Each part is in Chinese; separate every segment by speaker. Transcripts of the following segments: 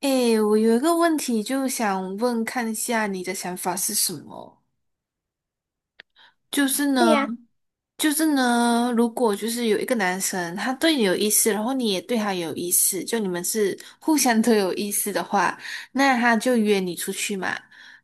Speaker 1: 诶，我有一个问题，就想问看一下你的想法是什么？就是
Speaker 2: 对
Speaker 1: 呢，
Speaker 2: 呀，
Speaker 1: 就是呢，如果就是有一个男生他对你有意思，然后你也对他有意思，就你们是互相都有意思的话，那他就约你出去嘛。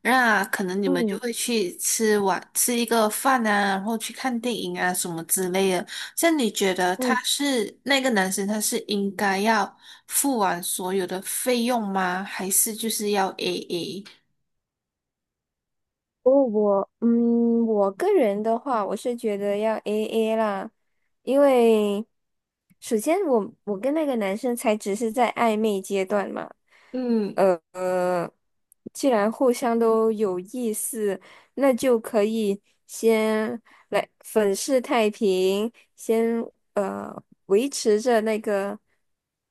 Speaker 1: 那可能你们就
Speaker 2: 嗯
Speaker 1: 会去吃一个饭啊，然后去看电影啊什么之类的。像你觉得他
Speaker 2: 嗯，
Speaker 1: 是那个男生，他是应该要付完所有的费用吗？还是就是要 AA？
Speaker 2: 我个人的话，我是觉得要 AA 啦，因为首先我跟那个男生才只是在暧昧阶段嘛，
Speaker 1: 嗯。
Speaker 2: 呃，呃既然互相都有意思，那就可以先来粉饰太平，先维持着那个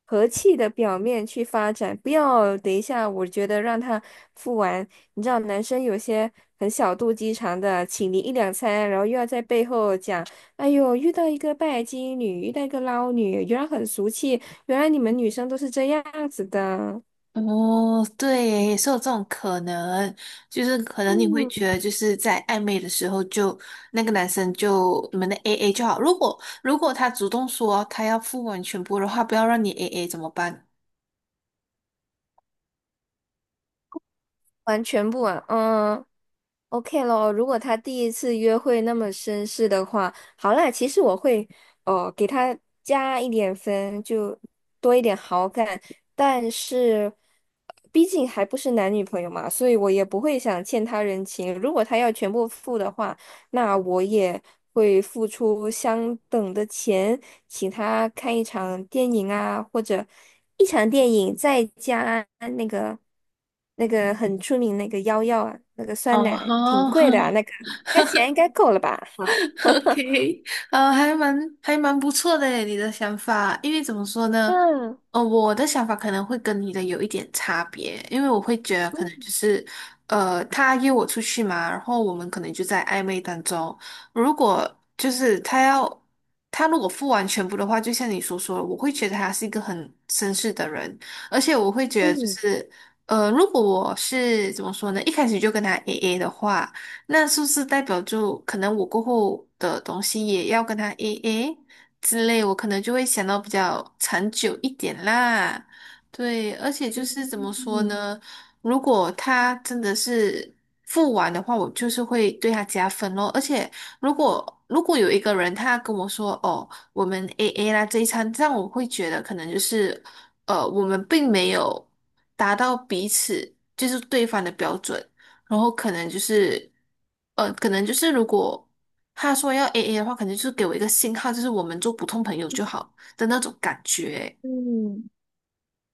Speaker 2: 和气的表面去发展，不要等一下，我觉得让他。付完。你知道男生有些很小肚鸡肠的，请你一两餐，然后又要在背后讲，哎呦，遇到一个拜金女，遇到一个捞女，原来很俗气，原来你们女生都是这样子的。
Speaker 1: 哦，对耶也是有这种可能，就是可能你会觉得，就是在暧昧的时候就，那个男生就你们的 AA 就好。如果他主动说他要付完全部的话，不要让你 AA 怎么办？
Speaker 2: 完全不啊，嗯，OK 咯。如果他第一次约会那么绅士的话，好啦，其实我会哦给他加一点分，就多一点好感。但是，毕竟还不是男女朋友嘛，所以我也不会想欠他人情。如果他要全部付的话，那我也会付出相等的钱，请他看一场电影啊，或者一场电影再加那个那个很出名那个幺药啊，那个酸
Speaker 1: 哦
Speaker 2: 奶挺
Speaker 1: 吼，
Speaker 2: 贵的啊，那个该钱应该够了吧？好，
Speaker 1: OK，呃，还蛮还蛮不错的诶，你的想法，因为怎么说呢，
Speaker 2: 嗯
Speaker 1: 我的想法可能会跟你的有一点差别，因为我会觉得可能就
Speaker 2: 嗯
Speaker 1: 是，他约我出去嘛，然后我们可能就在暧昧当中，如果就是他如果付完全部的话，就像你所说的，我会觉得他是一个很绅士的人，而且我会觉得就
Speaker 2: 嗯
Speaker 1: 是，如果我是怎么说呢，一开始就跟他 AA 的话。那是不是代表就可能我过后的东西也要跟他 AA 之类，我可能就会想到比较长久一点啦。对，而且就是怎么说
Speaker 2: 嗯
Speaker 1: 呢？如果他真的是付完的话，我就是会对他加分咯。而且如果有一个人他跟我说哦，我们 AA 啦这一餐，这样我会觉得可能就是我们并没有达到彼此就是对方的标准。然后可能就是，可能就是如果他说要 AA 的话，可能就是给我一个信号，就是我们做普通朋友就好的那种感觉。
Speaker 2: 嗯。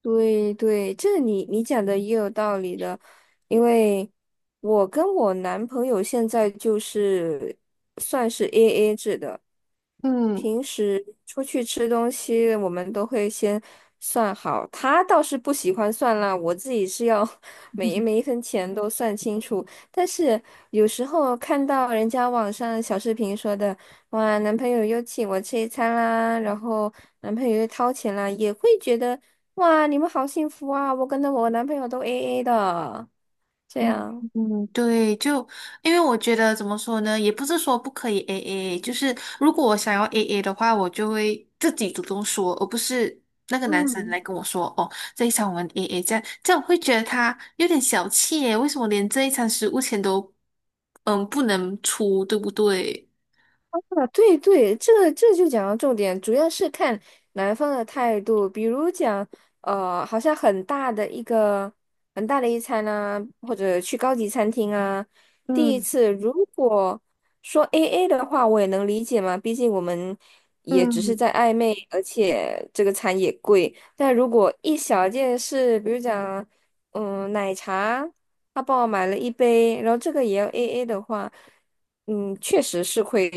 Speaker 2: 对对，这你讲的也有道理的，因为我跟我男朋友现在就是算是 AA 制的，
Speaker 1: 嗯
Speaker 2: 平时出去吃东西我们都会先算好，他倒是不喜欢算啦，我自己是要 每一分钱都算清楚，但是有时候看到人家网上小视频说的。哇，男朋友又请我吃一餐啦，然后男朋友又掏钱啦，也会觉得哇，你们好幸福啊！我跟着我男朋友都 AA 的，这
Speaker 1: 嗯
Speaker 2: 样。
Speaker 1: 嗯，对，就因为我觉得怎么说呢，也不是说不可以 AA,就是如果我想要 AA 的话，我就会自己主动说，而不是那个男生来
Speaker 2: 嗯，
Speaker 1: 跟我说哦，这一场我们 AA 这样，这样我会觉得他有点小气耶，为什么连这一场食物钱都不能出，对不对？
Speaker 2: 啊，对对，这个这就讲到重点，主要是看男方的态度。比如讲，好像很大的一餐啊，或者去高级餐厅啊，第一
Speaker 1: 嗯。
Speaker 2: 次如果说 AA 的话，我也能理解嘛，毕竟我们也只是
Speaker 1: 嗯，
Speaker 2: 在暧昧，而且这个餐也贵。但如果一小件事，比如讲，奶茶，他帮我买了一杯，然后这个也要 AA 的话。确实是会，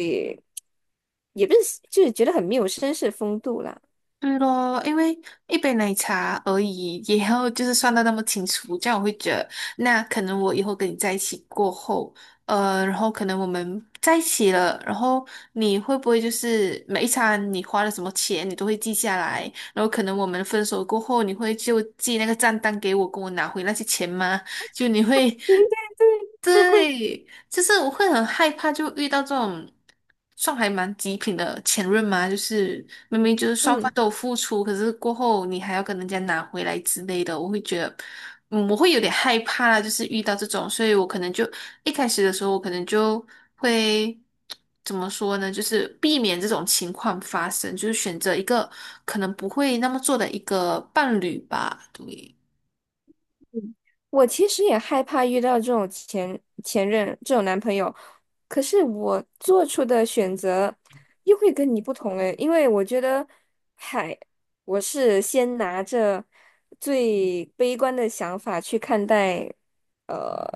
Speaker 2: 也不是就是觉得很没有绅士风度啦。
Speaker 1: 对咯，因为一杯奶茶而已，也要就是算的那么清楚，这样我会觉得，那可能我以后跟你在一起过后，然后可能我们在一起了，然后你会不会就是每一餐你花了什么钱，你都会记下来，然后可能我们分手过后，你会就寄那个账单给我，跟我拿回那些钱吗？就你会，
Speaker 2: 对对对，
Speaker 1: 对，就是我会很害怕，就遇到这种算还蛮极品的前任嘛，就是明明就是双方
Speaker 2: 嗯，
Speaker 1: 都有付出，可是过后你还要跟人家拿回来之类的，我会觉得，嗯，我会有点害怕啦，就是遇到这种，所以我可能就一开始的时候，我可能就会怎么说呢，就是避免这种情况发生，就是选择一个可能不会那么做的一个伴侣吧，对。
Speaker 2: 我其实也害怕遇到这种前任这种男朋友，可是我做出的选择又会跟你不同诶，因为我觉得，嗨，我是先拿着最悲观的想法去看待，呃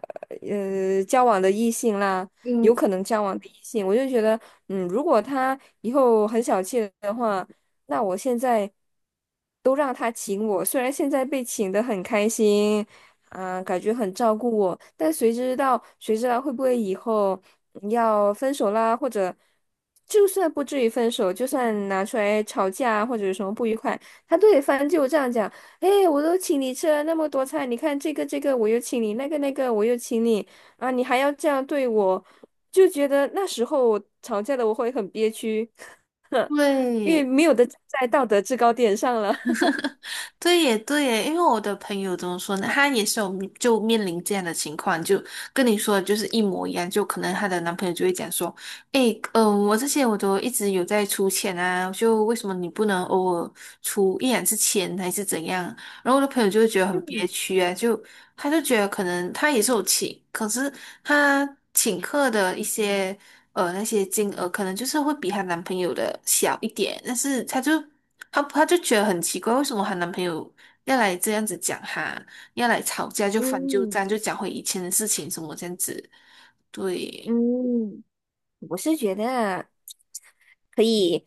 Speaker 2: 交往的异性啦，有
Speaker 1: 嗯，
Speaker 2: 可能交往的异性，我就觉得。如果他以后很小气的话，那我现在都让他请我，虽然现在被请的很开心，啊、感觉很照顾我，但谁知道，谁知道会不会以后要分手啦，或者就算不至于分手，就算拿出来吵架或者有什么不愉快，他都得翻旧账讲，哎，我都请你吃了那么多菜，你看这个这个我又请你，那个那个我又请你。啊，你还要这样对我，就觉得那时候我吵架的我会很憋屈，因为
Speaker 1: 对，
Speaker 2: 没有的站在道德制高点上了。
Speaker 1: 对耶，对耶，因为我的朋友怎么说呢？她也是就面临这样的情况，就跟你说的就是一模一样。就可能她的男朋友就会讲说："诶，嗯、我这些我都一直有在出钱啊，就为什么你不能偶尔出一两次钱还是怎样？"然后我的朋友就会觉得很憋屈啊，就他就觉得可能他也是有请，可是他请客的一些。那些金额，可能就是会比她男朋友的小一点，但是她就她她就觉得很奇怪，为什么她男朋友要来这样子讲她，要来吵架就翻旧
Speaker 2: 嗯
Speaker 1: 账，就讲回以前的事情什么这样子，对。
Speaker 2: 嗯，我是觉得啊可以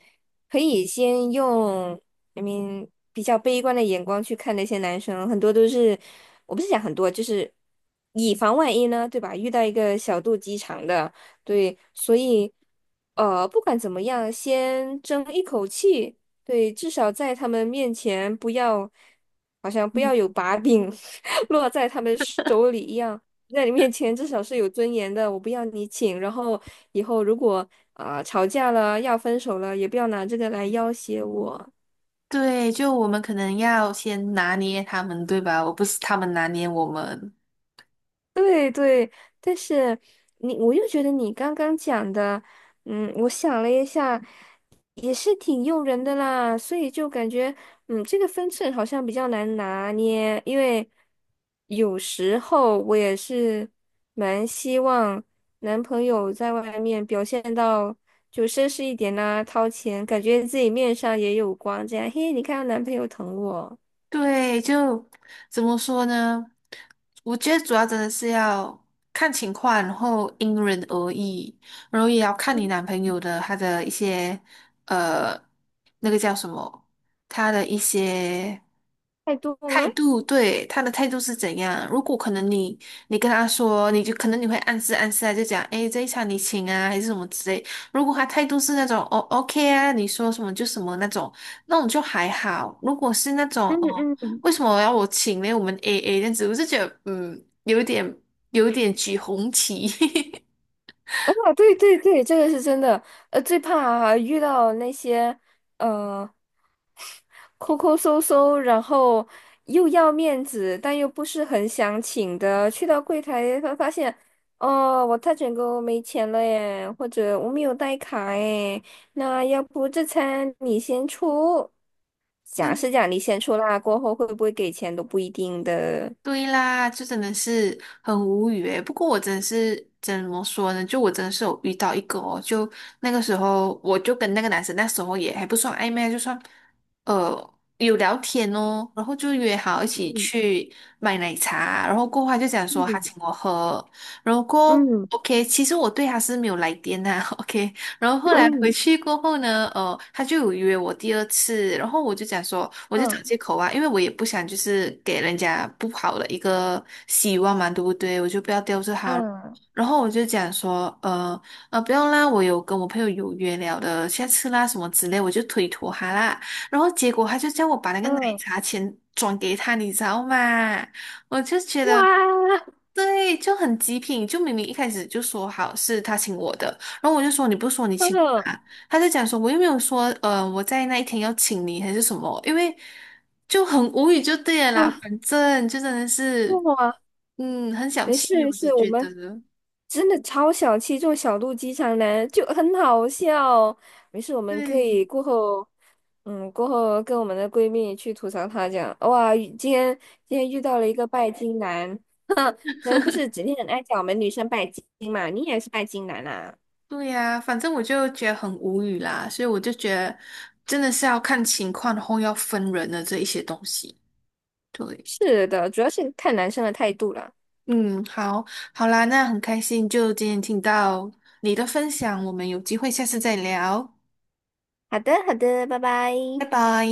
Speaker 2: 可以先用，I m 比较悲观的眼光去看那些男生，很多都是，我不是讲很多，就是以防万一呢，对吧？遇到一个小肚鸡肠的，对，所以不管怎么样，先争一口气，对，至少在他们面前不要，好像不要有把柄 落在他们手里一样。在你面前至少是有尊严的，我不要你请。然后以后如果啊、吵架了要分手了，也不要拿这个来要挟我。
Speaker 1: 对，就我们可能要先拿捏他们，对吧？我不是他们拿捏我们。
Speaker 2: 对对，但是你，我又觉得你刚刚讲的，我想了一下，也是挺诱人的啦，所以就感觉，这个分寸好像比较难拿捏，因为有时候我也是蛮希望男朋友在外面表现到就绅士一点啦，掏钱，感觉自己面上也有光，这样，嘿，你看到男朋友疼我，
Speaker 1: 对，就怎么说呢？我觉得主要真的是要看情况，然后因人而异，然后也要看你男朋友的他的一些呃，那个叫什么，他的一些。
Speaker 2: 太多吗？
Speaker 1: 态度，对，他的态度是怎样？如果可能你，你跟他说，你就可能你会暗示暗示啊，就讲，诶，这一场你请啊，还是什么之类。如果他态度是那种，哦，OK 啊，你说什么就什么那种，那种就还好。如果是那种，
Speaker 2: 嗯
Speaker 1: 哦，
Speaker 2: 嗯
Speaker 1: 为什么要我请呢？我们 AA 这样子，我就觉得，嗯，有点举红旗。
Speaker 2: 啊，对对对，这个是真的。最怕遇到那些呃抠抠搜搜，然后又要面子，但又不是很想请的，去到柜台发现，哦，我太卷哥没钱了耶，或者我没有带卡耶，那要不这餐你先出？讲是 讲你先出啦，过后会不会给钱都不一定的。
Speaker 1: 对啦，就真的是很无语诶。不过我真的是怎么说呢？就我真的是有遇到一个哦，就那个时候我就跟那个男生那时候也还不算暧昧，就算呃有聊天哦，然后就约好一起
Speaker 2: 嗯
Speaker 1: 去买奶茶，然后过后他就讲说他
Speaker 2: 嗯
Speaker 1: 请我喝，然后过后
Speaker 2: 嗯
Speaker 1: OK,其实我对他是没有来电呐、o k 然后后来回
Speaker 2: 嗯
Speaker 1: 去过后呢，他就有约我第二次，然后我就讲说，我就找
Speaker 2: 嗯
Speaker 1: 借口啊，因为我也不想就是给人家不好的一个希望嘛，对不对？我就不要吊着他。
Speaker 2: 嗯
Speaker 1: 然后我就讲说，不用啦，我有跟我朋友有约了的，下次啦什么之类，我就推脱他啦。然后结果他就叫我把那个奶
Speaker 2: 嗯，
Speaker 1: 茶钱转给他，你知道吗？我就觉得。
Speaker 2: 哇，
Speaker 1: 对，就很极品，就明明一开始就说好是他请我的，然后我就说你不是说你请
Speaker 2: 嗯。
Speaker 1: 啊？他就讲说我又没有说，我在那一天要请你还是什么，因为就很无语就对了啦，
Speaker 2: 哇，
Speaker 1: 反正就真的是，
Speaker 2: 哇，
Speaker 1: 嗯，很小
Speaker 2: 没事
Speaker 1: 气，
Speaker 2: 没
Speaker 1: 我只
Speaker 2: 事，我
Speaker 1: 觉
Speaker 2: 们
Speaker 1: 得，
Speaker 2: 真的超小气，这种小肚鸡肠男就很好笑。没事，我们可
Speaker 1: 对
Speaker 2: 以过后跟我们的闺蜜去吐槽他，讲哇，今天遇到了一个拜金男，男人不是整天很爱讲我们女生拜金嘛？你也是拜金男啊？
Speaker 1: 对呀、反正我就觉得很无语啦，所以我就觉得真的是要看情况，然后要分人的这一些东西，对，
Speaker 2: 是的，主要是看男生的态度了。
Speaker 1: 嗯，好，好啦，那很开心，就今天听到你的分享，我们有机会下次再聊，
Speaker 2: 好的，好的，拜拜。
Speaker 1: 拜拜。